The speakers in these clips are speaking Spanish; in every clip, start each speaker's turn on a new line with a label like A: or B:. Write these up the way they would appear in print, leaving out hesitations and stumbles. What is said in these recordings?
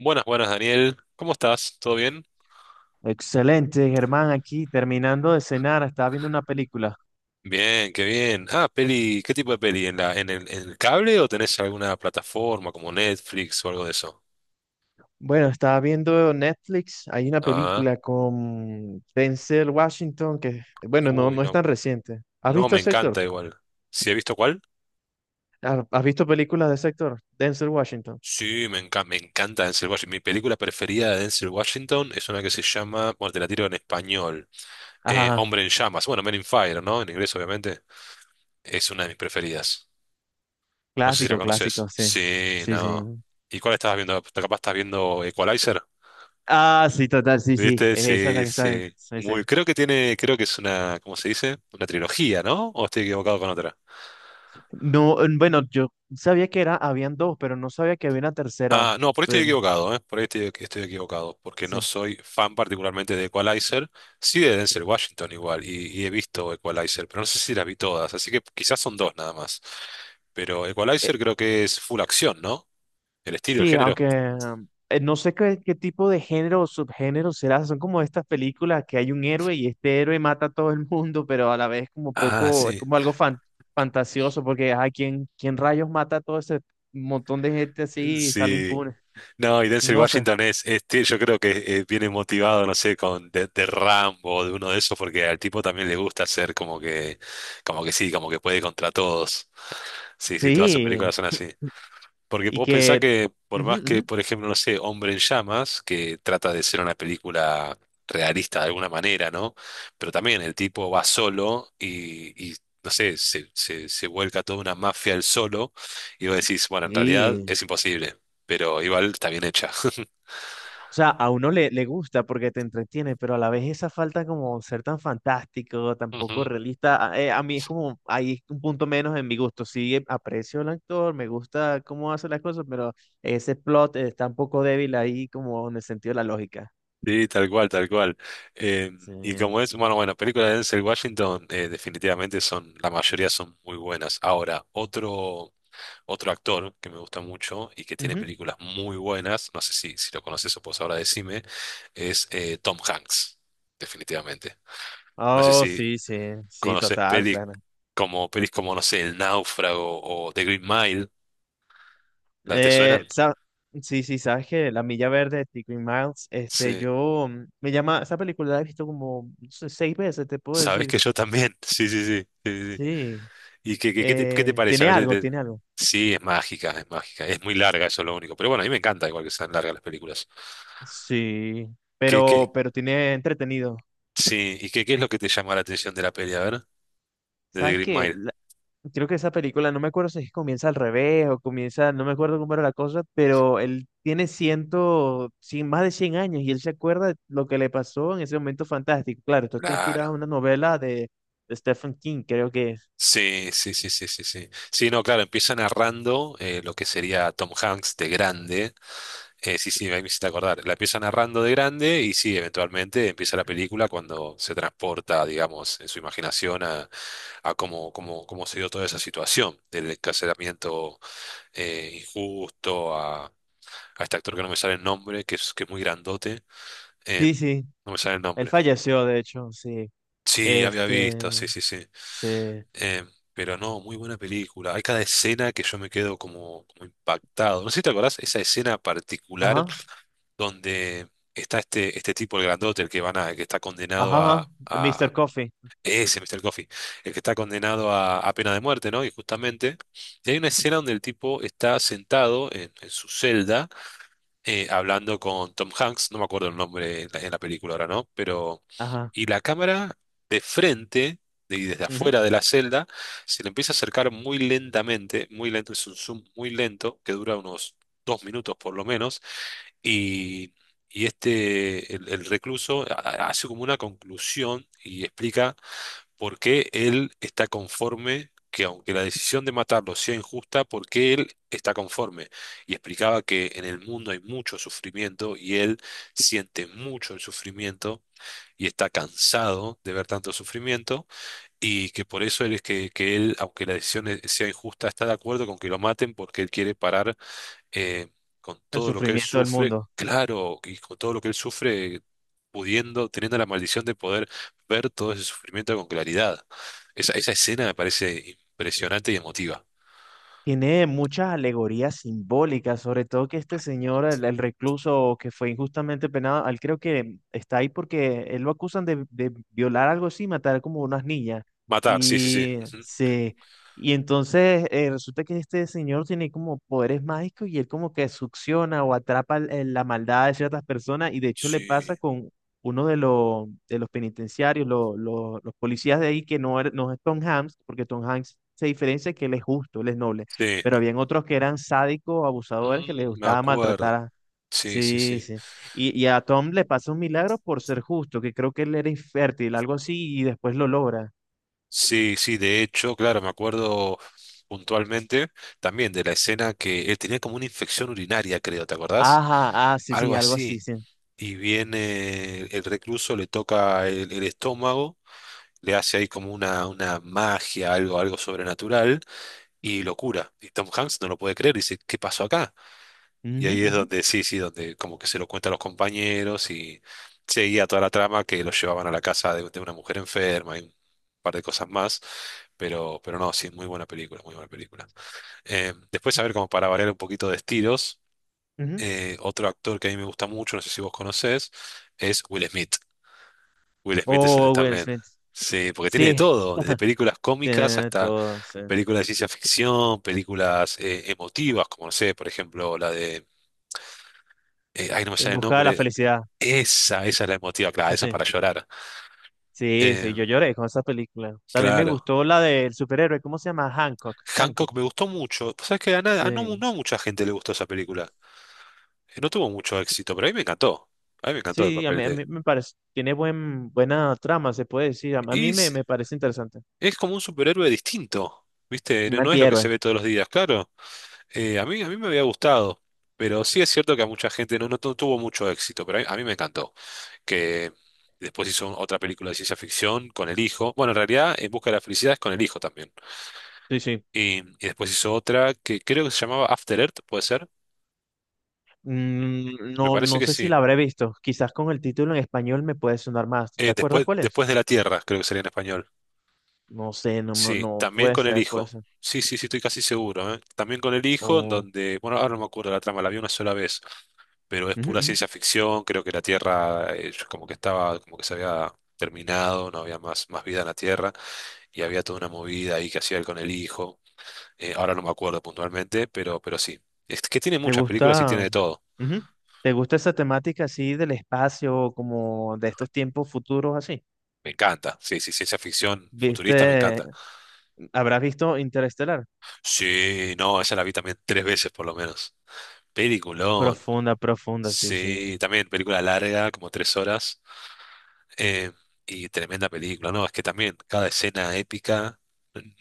A: Buenas, buenas, Daniel. ¿Cómo estás? ¿Todo bien?
B: Excelente, Germán, aquí terminando de cenar, estaba viendo una película.
A: Bien, qué bien. Ah, peli, ¿qué tipo de peli? ¿En la, en el cable o tenés alguna plataforma como Netflix o algo de eso?
B: Bueno, estaba viendo Netflix, hay una
A: Ah,
B: película con Denzel Washington que, bueno, no,
A: uy,
B: no es
A: no.
B: tan reciente. ¿Has
A: No,
B: visto
A: me
B: ese actor?
A: encanta igual. ¿Sí he visto cuál?
B: ¿Has visto películas de ese actor? Denzel Washington.
A: Sí, me encanta Denzel Washington. Mi película preferida de Denzel Washington es una que se llama, bueno, te la tiro en español,
B: Ajá,
A: Hombre en Llamas. Bueno, Men in Fire, ¿no? En inglés, obviamente. Es una de mis preferidas. No sé si la
B: clásico, clásico,
A: conoces.
B: sí.
A: Sí,
B: Sí, sí.
A: no. ¿Y cuál estabas viendo? Capaz estás viendo Equalizer.
B: Ah, sí, total, sí, sí,
A: ¿Viste?
B: esa es la
A: Sí,
B: que está bien.
A: sí.
B: Sí, sí.
A: Muy, creo que tiene, creo que es una, ¿cómo se dice? Una trilogía, ¿no? ¿O estoy equivocado con otra?
B: No, bueno, yo sabía que era, habían dos, pero no sabía que había una tercera.
A: Ah, no, por ahí estoy
B: Pero,
A: equivocado, ¿eh? Por ahí estoy equivocado, porque no
B: sí.
A: soy fan particularmente de Equalizer, sí de Denzel Washington igual, y he visto Equalizer, pero no sé si las vi todas, así que quizás son dos nada más. Pero Equalizer creo que es full acción, ¿no? El estilo, el
B: Sí,
A: género.
B: aunque no sé qué tipo de género o subgénero será. Son como estas películas que hay un héroe y este héroe mata a todo el mundo, pero a la vez como
A: Ah,
B: poco, es
A: sí.
B: como algo fantasioso, porque ay, ¿quién rayos mata a todo ese montón de gente así y sale
A: Sí.
B: impune?
A: No, y Denzel
B: No sé.
A: Washington es- tie- yo creo que viene motivado, no sé, con de Rambo o de uno de esos, porque al tipo también le gusta ser como que sí, como que puede contra todos. Sí, sí, todas sus
B: Sí,
A: películas son así. Porque
B: y
A: vos pensás
B: que...
A: que, por
B: ujú,
A: más que,
B: ujú.
A: por ejemplo, no sé, Hombre en Llamas, que trata de ser una película realista de alguna manera, ¿no? Pero también el tipo va solo y no sé, se vuelca toda una mafia él solo, y vos decís, bueno, en realidad
B: Sí,
A: es imposible, pero igual está bien hecha.
B: o sea, a uno le gusta porque te entretiene, pero a la vez esa falta como ser tan fantástico, tan poco
A: Ujú.
B: realista, a mí es como, ahí es un punto menos en mi gusto. Sí, aprecio al actor, me gusta cómo hace las cosas, pero ese plot está un poco débil ahí como en el sentido de la lógica.
A: Sí, tal cual, tal cual. Eh,
B: Sí.
A: y como es, bueno, bueno, películas de Denzel Washington definitivamente son, la mayoría son muy buenas. Ahora, otro, otro actor que me gusta mucho y que tiene
B: Ujú.
A: películas muy buenas, no sé si, si lo conoces o pues ahora decime, es Tom Hanks, definitivamente. No sé
B: Oh,
A: si
B: sí, sí, sí,
A: conoces
B: total, claro.
A: pelis como, no sé, El Náufrago o The Green Mile, ¿la te
B: Eh,
A: suenan?
B: sa- sí, sí, sabes que La Milla Verde de Tico y Miles,
A: Sí.
B: yo me llama, esa película la he visto como no sé, 6 veces, te puedo
A: Sabes
B: decir.
A: que yo también, sí, sí, sí, sí, sí. Sí.
B: Sí.
A: ¿Y qué, qué, qué te
B: Eh,
A: parece? A
B: tiene
A: ver,
B: algo,
A: de-
B: tiene algo.
A: sí, es mágica, es mágica. Es muy larga, eso es lo único. Pero bueno, a mí me encanta igual que sean largas las películas.
B: Sí,
A: ¿Qué, qué,
B: pero tiene entretenido.
A: sí, ¿y qué, qué es lo que te llama la atención de la peli? A ver, de The
B: ¿Sabes
A: Green
B: qué?
A: Mile.
B: Creo que esa película, no me acuerdo si es que comienza al revés o comienza, no me acuerdo cómo era la cosa, pero él tiene más de 100 años y él se acuerda de lo que le pasó en ese momento fantástico. Claro, esto está
A: Claro.
B: inspirado en una novela de Stephen King, creo que es.
A: Sí, sí, sí, sí, sí, sí. Sí, no, claro, empieza narrando lo que sería Tom Hanks de grande. Sí, sí, ahí me hiciste acordar. La empieza narrando de grande y sí, eventualmente empieza la película cuando se transporta, digamos, en su imaginación a cómo, cómo, cómo se dio toda esa situación del encarcelamiento injusto, a este actor que no me sale el nombre, que es muy grandote. eh,
B: Sí, sí,
A: no me sale el
B: él
A: nombre.
B: falleció, de hecho, sí.
A: Sí, había
B: Este,
A: visto, sí, sí, sí.
B: sí.
A: Eh, pero no, muy buena película. Hay cada escena que yo me quedo como, como impactado. No sé si te acordás esa escena particular
B: Ajá,
A: donde está este, este tipo, el grandote, el que van a, el que está
B: ajá,
A: condenado
B: ajá.
A: a
B: Mr. Coffee,
A: ese Mr. Coffee, el que está condenado a pena de muerte, ¿no? Y justamente, y hay una escena donde el tipo está sentado en su celda hablando con Tom Hanks, no me acuerdo el nombre en la película ahora, ¿no? Pero,
B: ajá.
A: y la cámara de frente, de- y desde
B: Ujú.
A: afuera de la celda, se le empieza a acercar muy lentamente, muy lento, es un zoom muy lento, que dura unos dos minutos por lo menos, y, y este, el recluso ha- hace como una conclusión y explica por qué él está conforme, que aunque la decisión de matarlo sea injusta, por qué él está conforme. Y explicaba que en el mundo hay mucho sufrimiento y él siente mucho el sufrimiento y está cansado de ver tanto sufrimiento y que por eso él es que él, aunque la decisión e- sea injusta, está de acuerdo con que lo maten porque él quiere parar eh, con
B: El
A: todo lo que él
B: sufrimiento del
A: sufre,
B: mundo.
A: claro, y con todo lo que él sufre, pudiendo, teniendo la maldición de poder ver todo ese sufrimiento con claridad. Esa escena me parece impresionante y emotiva.
B: Tiene muchas alegorías simbólicas, sobre todo que este señor, el recluso que fue injustamente penado, él creo que está ahí porque él lo acusan de violar algo así, matar como unas niñas.
A: Matar, sí, sí, sí.
B: Y
A: Ujú.
B: se, y entonces resulta que este señor tiene como poderes mágicos y él como que succiona o atrapa la maldad de ciertas personas y de hecho le pasa
A: Sí,
B: con uno de los penitenciarios, los policías de ahí que no, no es Tom Hanks, porque Tom Hanks se diferencia que él es justo, él es noble,
A: sí.
B: pero habían otros que eran sádicos, abusadores, que les
A: Mm, me
B: gustaba maltratar
A: acuerdo.
B: a.
A: Sí, sí,
B: Sí,
A: sí.
B: sí. Y a Tom le pasa un milagro por ser justo, que creo que él era infértil, algo así, y después lo logra.
A: Sí, sí, de hecho, claro, me acuerdo puntualmente también de la escena que él tenía como una infección urinaria, creo, ¿te acordás?
B: Ajá, ah, sí, sí,
A: Algo
B: algo así,
A: así.
B: sí.
A: Y viene el recluso, le toca el estómago, le hace ahí como una magia, algo, algo sobrenatural, y lo cura. Y Tom Hanks no lo puede creer, dice, ¿qué pasó acá? Y
B: Ujú,
A: ahí es
B: ujú,
A: donde, sí, sí, donde como que se lo cuenta a los compañeros y seguía toda la trama que lo llevaban a la casa de una mujer enferma y un par de cosas más. Pero no, sí, muy buena película, muy buena película. Después, a ver, como para variar un poquito de estilos,
B: ujú.
A: otro actor que a mí me gusta mucho, no sé si vos conocés, es Will Smith. Will Smith es-
B: Oh, Will
A: también.
B: Smith.
A: Sí, porque tiene de
B: Sí,
A: todo, desde películas cómicas
B: tiene
A: hasta
B: todo, sí.
A: películas de ciencia ficción, películas emotivas, como no sé, por ejemplo, la de. Ay, no me
B: En
A: sale el
B: busca de la
A: nombre.
B: felicidad.
A: Esa es la emotiva, claro,
B: Sí,
A: esa es
B: sí.
A: para llorar.
B: Sí,
A: Eh,
B: sí, yo lloré con esa película. También me
A: claro.
B: gustó la del superhéroe, ¿cómo se llama? Hancock.
A: Hancock
B: Hancock.
A: me gustó mucho. Pues sabes que a, nada- a no,
B: Sí.
A: no a mucha gente le gustó esa película. No tuvo mucho éxito, pero a mí me encantó. A mí me encantó el
B: Sí, a
A: papel
B: mí, a
A: de.
B: mí me parece, tiene buena trama, se puede decir. A
A: Y
B: mí me, me parece interesante.
A: es como un superhéroe distinto, ¿viste?
B: Un
A: No, no es lo que se
B: antihéroe.
A: ve todos los días, claro. A mí, a mí me había gustado, pero sí es cierto que a mucha gente no, no tu- tuvo mucho éxito, pero a mí me encantó. Que después hizo otra película de ciencia ficción con el hijo. Bueno, en realidad, En busca de la felicidad es con el hijo también.
B: Sí, sí.
A: Y después hizo otra que creo que se llamaba After Earth, ¿puede ser?
B: Mm,
A: Me
B: no,
A: parece
B: no
A: que
B: sé si
A: sí.
B: la habré visto. Quizás con el título en español me puede sonar más. ¿Te acuerdas
A: Después,
B: cuál es?
A: después de la Tierra, creo que sería en español.
B: No sé, no, no,
A: Sí,
B: no,
A: también
B: puede
A: con el
B: ser, puede
A: hijo.
B: ser.
A: Sí, sí, sí, estoy casi seguro, ¿eh? También con el hijo, en
B: O-
A: donde, bueno, ahora no me acuerdo la trama, la vi una sola vez. Pero es
B: Ujú,
A: pura
B: ujú.
A: ciencia ficción, creo que la Tierra como que estaba, como que se había terminado, no había más, más vida en la Tierra, y había toda una movida ahí que hacía él con el hijo, ahora no me acuerdo puntualmente, pero sí, es que tiene
B: ¿Te
A: muchas películas y
B: gusta?
A: tiene de todo.
B: Ujú. ¿Te gusta esa temática así del espacio, como de estos tiempos futuros así?
A: Me encanta, sí, sí, ciencia ficción futurista me
B: ¿Viste?
A: encanta.
B: ¿Habrás visto Interestelar?
A: Sí, no, esa la vi también tres veces por lo menos. Peliculón.
B: Profunda, profunda, sí, sí.
A: Sí, también película larga, como tres horas. Eh, y tremenda película, ¿no? Es que también cada escena épica.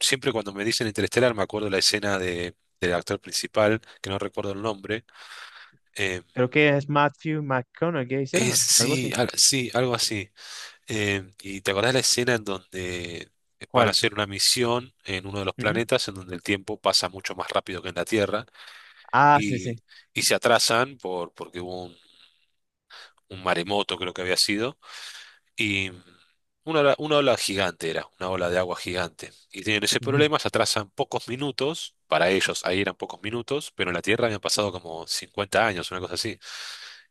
A: Siempre cuando me dicen Interestelar me acuerdo la escena de, del actor principal, que no recuerdo el nombre. eh,
B: Creo que es Matthew McConaughey,
A: es-
B: ¿será? Algo así.
A: sí, al- sí, algo así. Y te acordás la escena en donde van a
B: ¿Cuál?
A: hacer una misión en uno de los
B: Ujú.
A: planetas en donde el tiempo pasa mucho más rápido que en la Tierra
B: Ah, sí, sí.
A: y, y se atrasan por, porque hubo un maremoto, creo que había sido. Y una ola gigante era, una ola de agua gigante. Y tienen ese
B: Ujú.
A: problema, se atrasan pocos minutos, para ellos ahí eran pocos minutos, pero en la Tierra habían pasado como 50 años, una cosa así.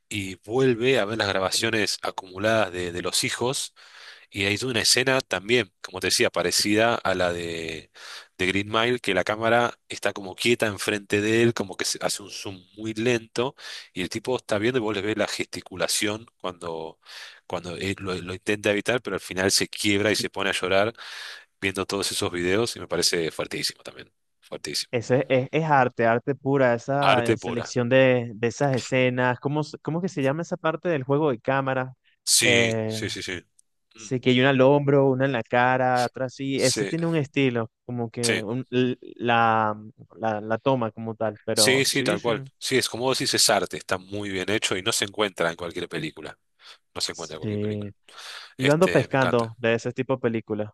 A: Y vuelve a ver las grabaciones acumuladas de los hijos y hay una escena también, como te decía, parecida a la de Green Mile, que la cámara está como quieta enfrente de él, como que se hace un zoom muy lento, y el tipo está viendo y vos le ves la gesticulación cuando, cuando él lo intenta evitar, pero al final se quiebra y se pone a llorar viendo todos esos videos, y me parece fuertísimo también, fuertísimo.
B: Eso es arte, arte pura, esa
A: Arte pura.
B: selección de esas escenas. ¿Cómo que se llama esa parte del juego de cámara?
A: Sí,
B: Eh,
A: sí, sí, sí. Mm,
B: sí, que hay una al hombro, una en la cara, atrás sí. Ese
A: sí,
B: tiene un estilo, como que
A: sí.
B: la toma como tal, pero
A: Sí, sí,
B: sí,
A: tal
B: sí.
A: cual. Sí, es como vos decís, es arte, está muy bien hecho y no se encuentra en cualquier película. No se encuentra en cualquier
B: Sí.
A: película.
B: Yo ando
A: Este, me
B: pescando
A: encanta.
B: de ese tipo de películas.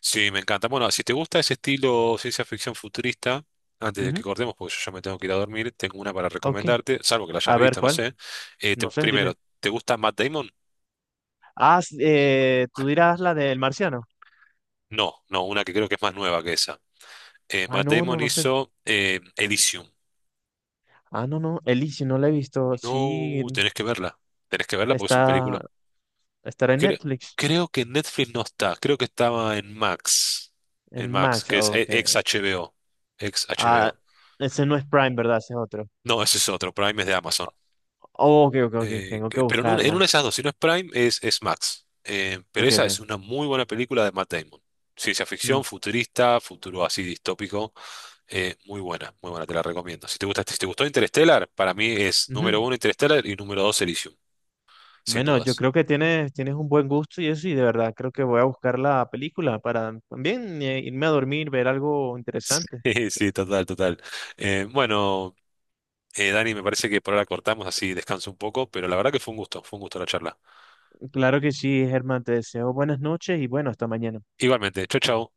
A: Sí, me encanta. Bueno, si te gusta ese estilo ciencia ficción futurista, antes de que
B: Ujú.
A: cortemos, porque yo ya me tengo que ir a dormir, tengo una para
B: Ok.
A: recomendarte, salvo que la hayas
B: A ver,
A: visto, no
B: ¿cuál?
A: sé.
B: No sé, dime.
A: Primero, ¿te gusta Matt Damon?
B: Ah, tú dirás la del marciano.
A: No, no, una que creo que es más nueva que esa.
B: Ah,
A: Matt
B: no, no,
A: Damon
B: no sé.
A: hizo Elysium.
B: Ah, no, no. Elysium no la he visto. Sí,
A: No, tenés que verla. Tenés que verla porque es un película.
B: está, estará en
A: Cre-
B: Netflix,
A: creo que en Netflix no está, creo que estaba en Max. En
B: en
A: Max,
B: Max.
A: que es
B: Oh, ok.
A: ex HBO. Ex
B: Ah,
A: HBO.
B: ese no es Prime, ¿verdad? Ese es otro.
A: No, ese es otro. Prime es de Amazon.
B: Oh, ok, ok, ok. Tengo que
A: Pero en una de
B: buscarla.
A: esas dos, si no es Prime, es Max. Pero
B: Ok,
A: esa es
B: ok.
A: una muy buena película de Matt Damon. Ciencia ficción,
B: Mm,
A: futurista, futuro así distópico. Muy buena, te la recomiendo. Si te gusta, si te gustó Interstellar, para mí es
B: ujú.
A: número uno Interstellar y número dos Elysium, sin
B: Bueno, yo
A: dudas.
B: creo que tienes un buen gusto y eso, y de verdad creo que voy a buscar la película para también irme a dormir, ver algo interesante.
A: Sí, sí, total, total. Eh, bueno, Dani, me parece que por ahora cortamos así, descanso un poco, pero la verdad que fue un gusto la charla.
B: Claro que sí, Germán, te deseo buenas noches y bueno, hasta mañana.
A: Igualmente, chau, chau.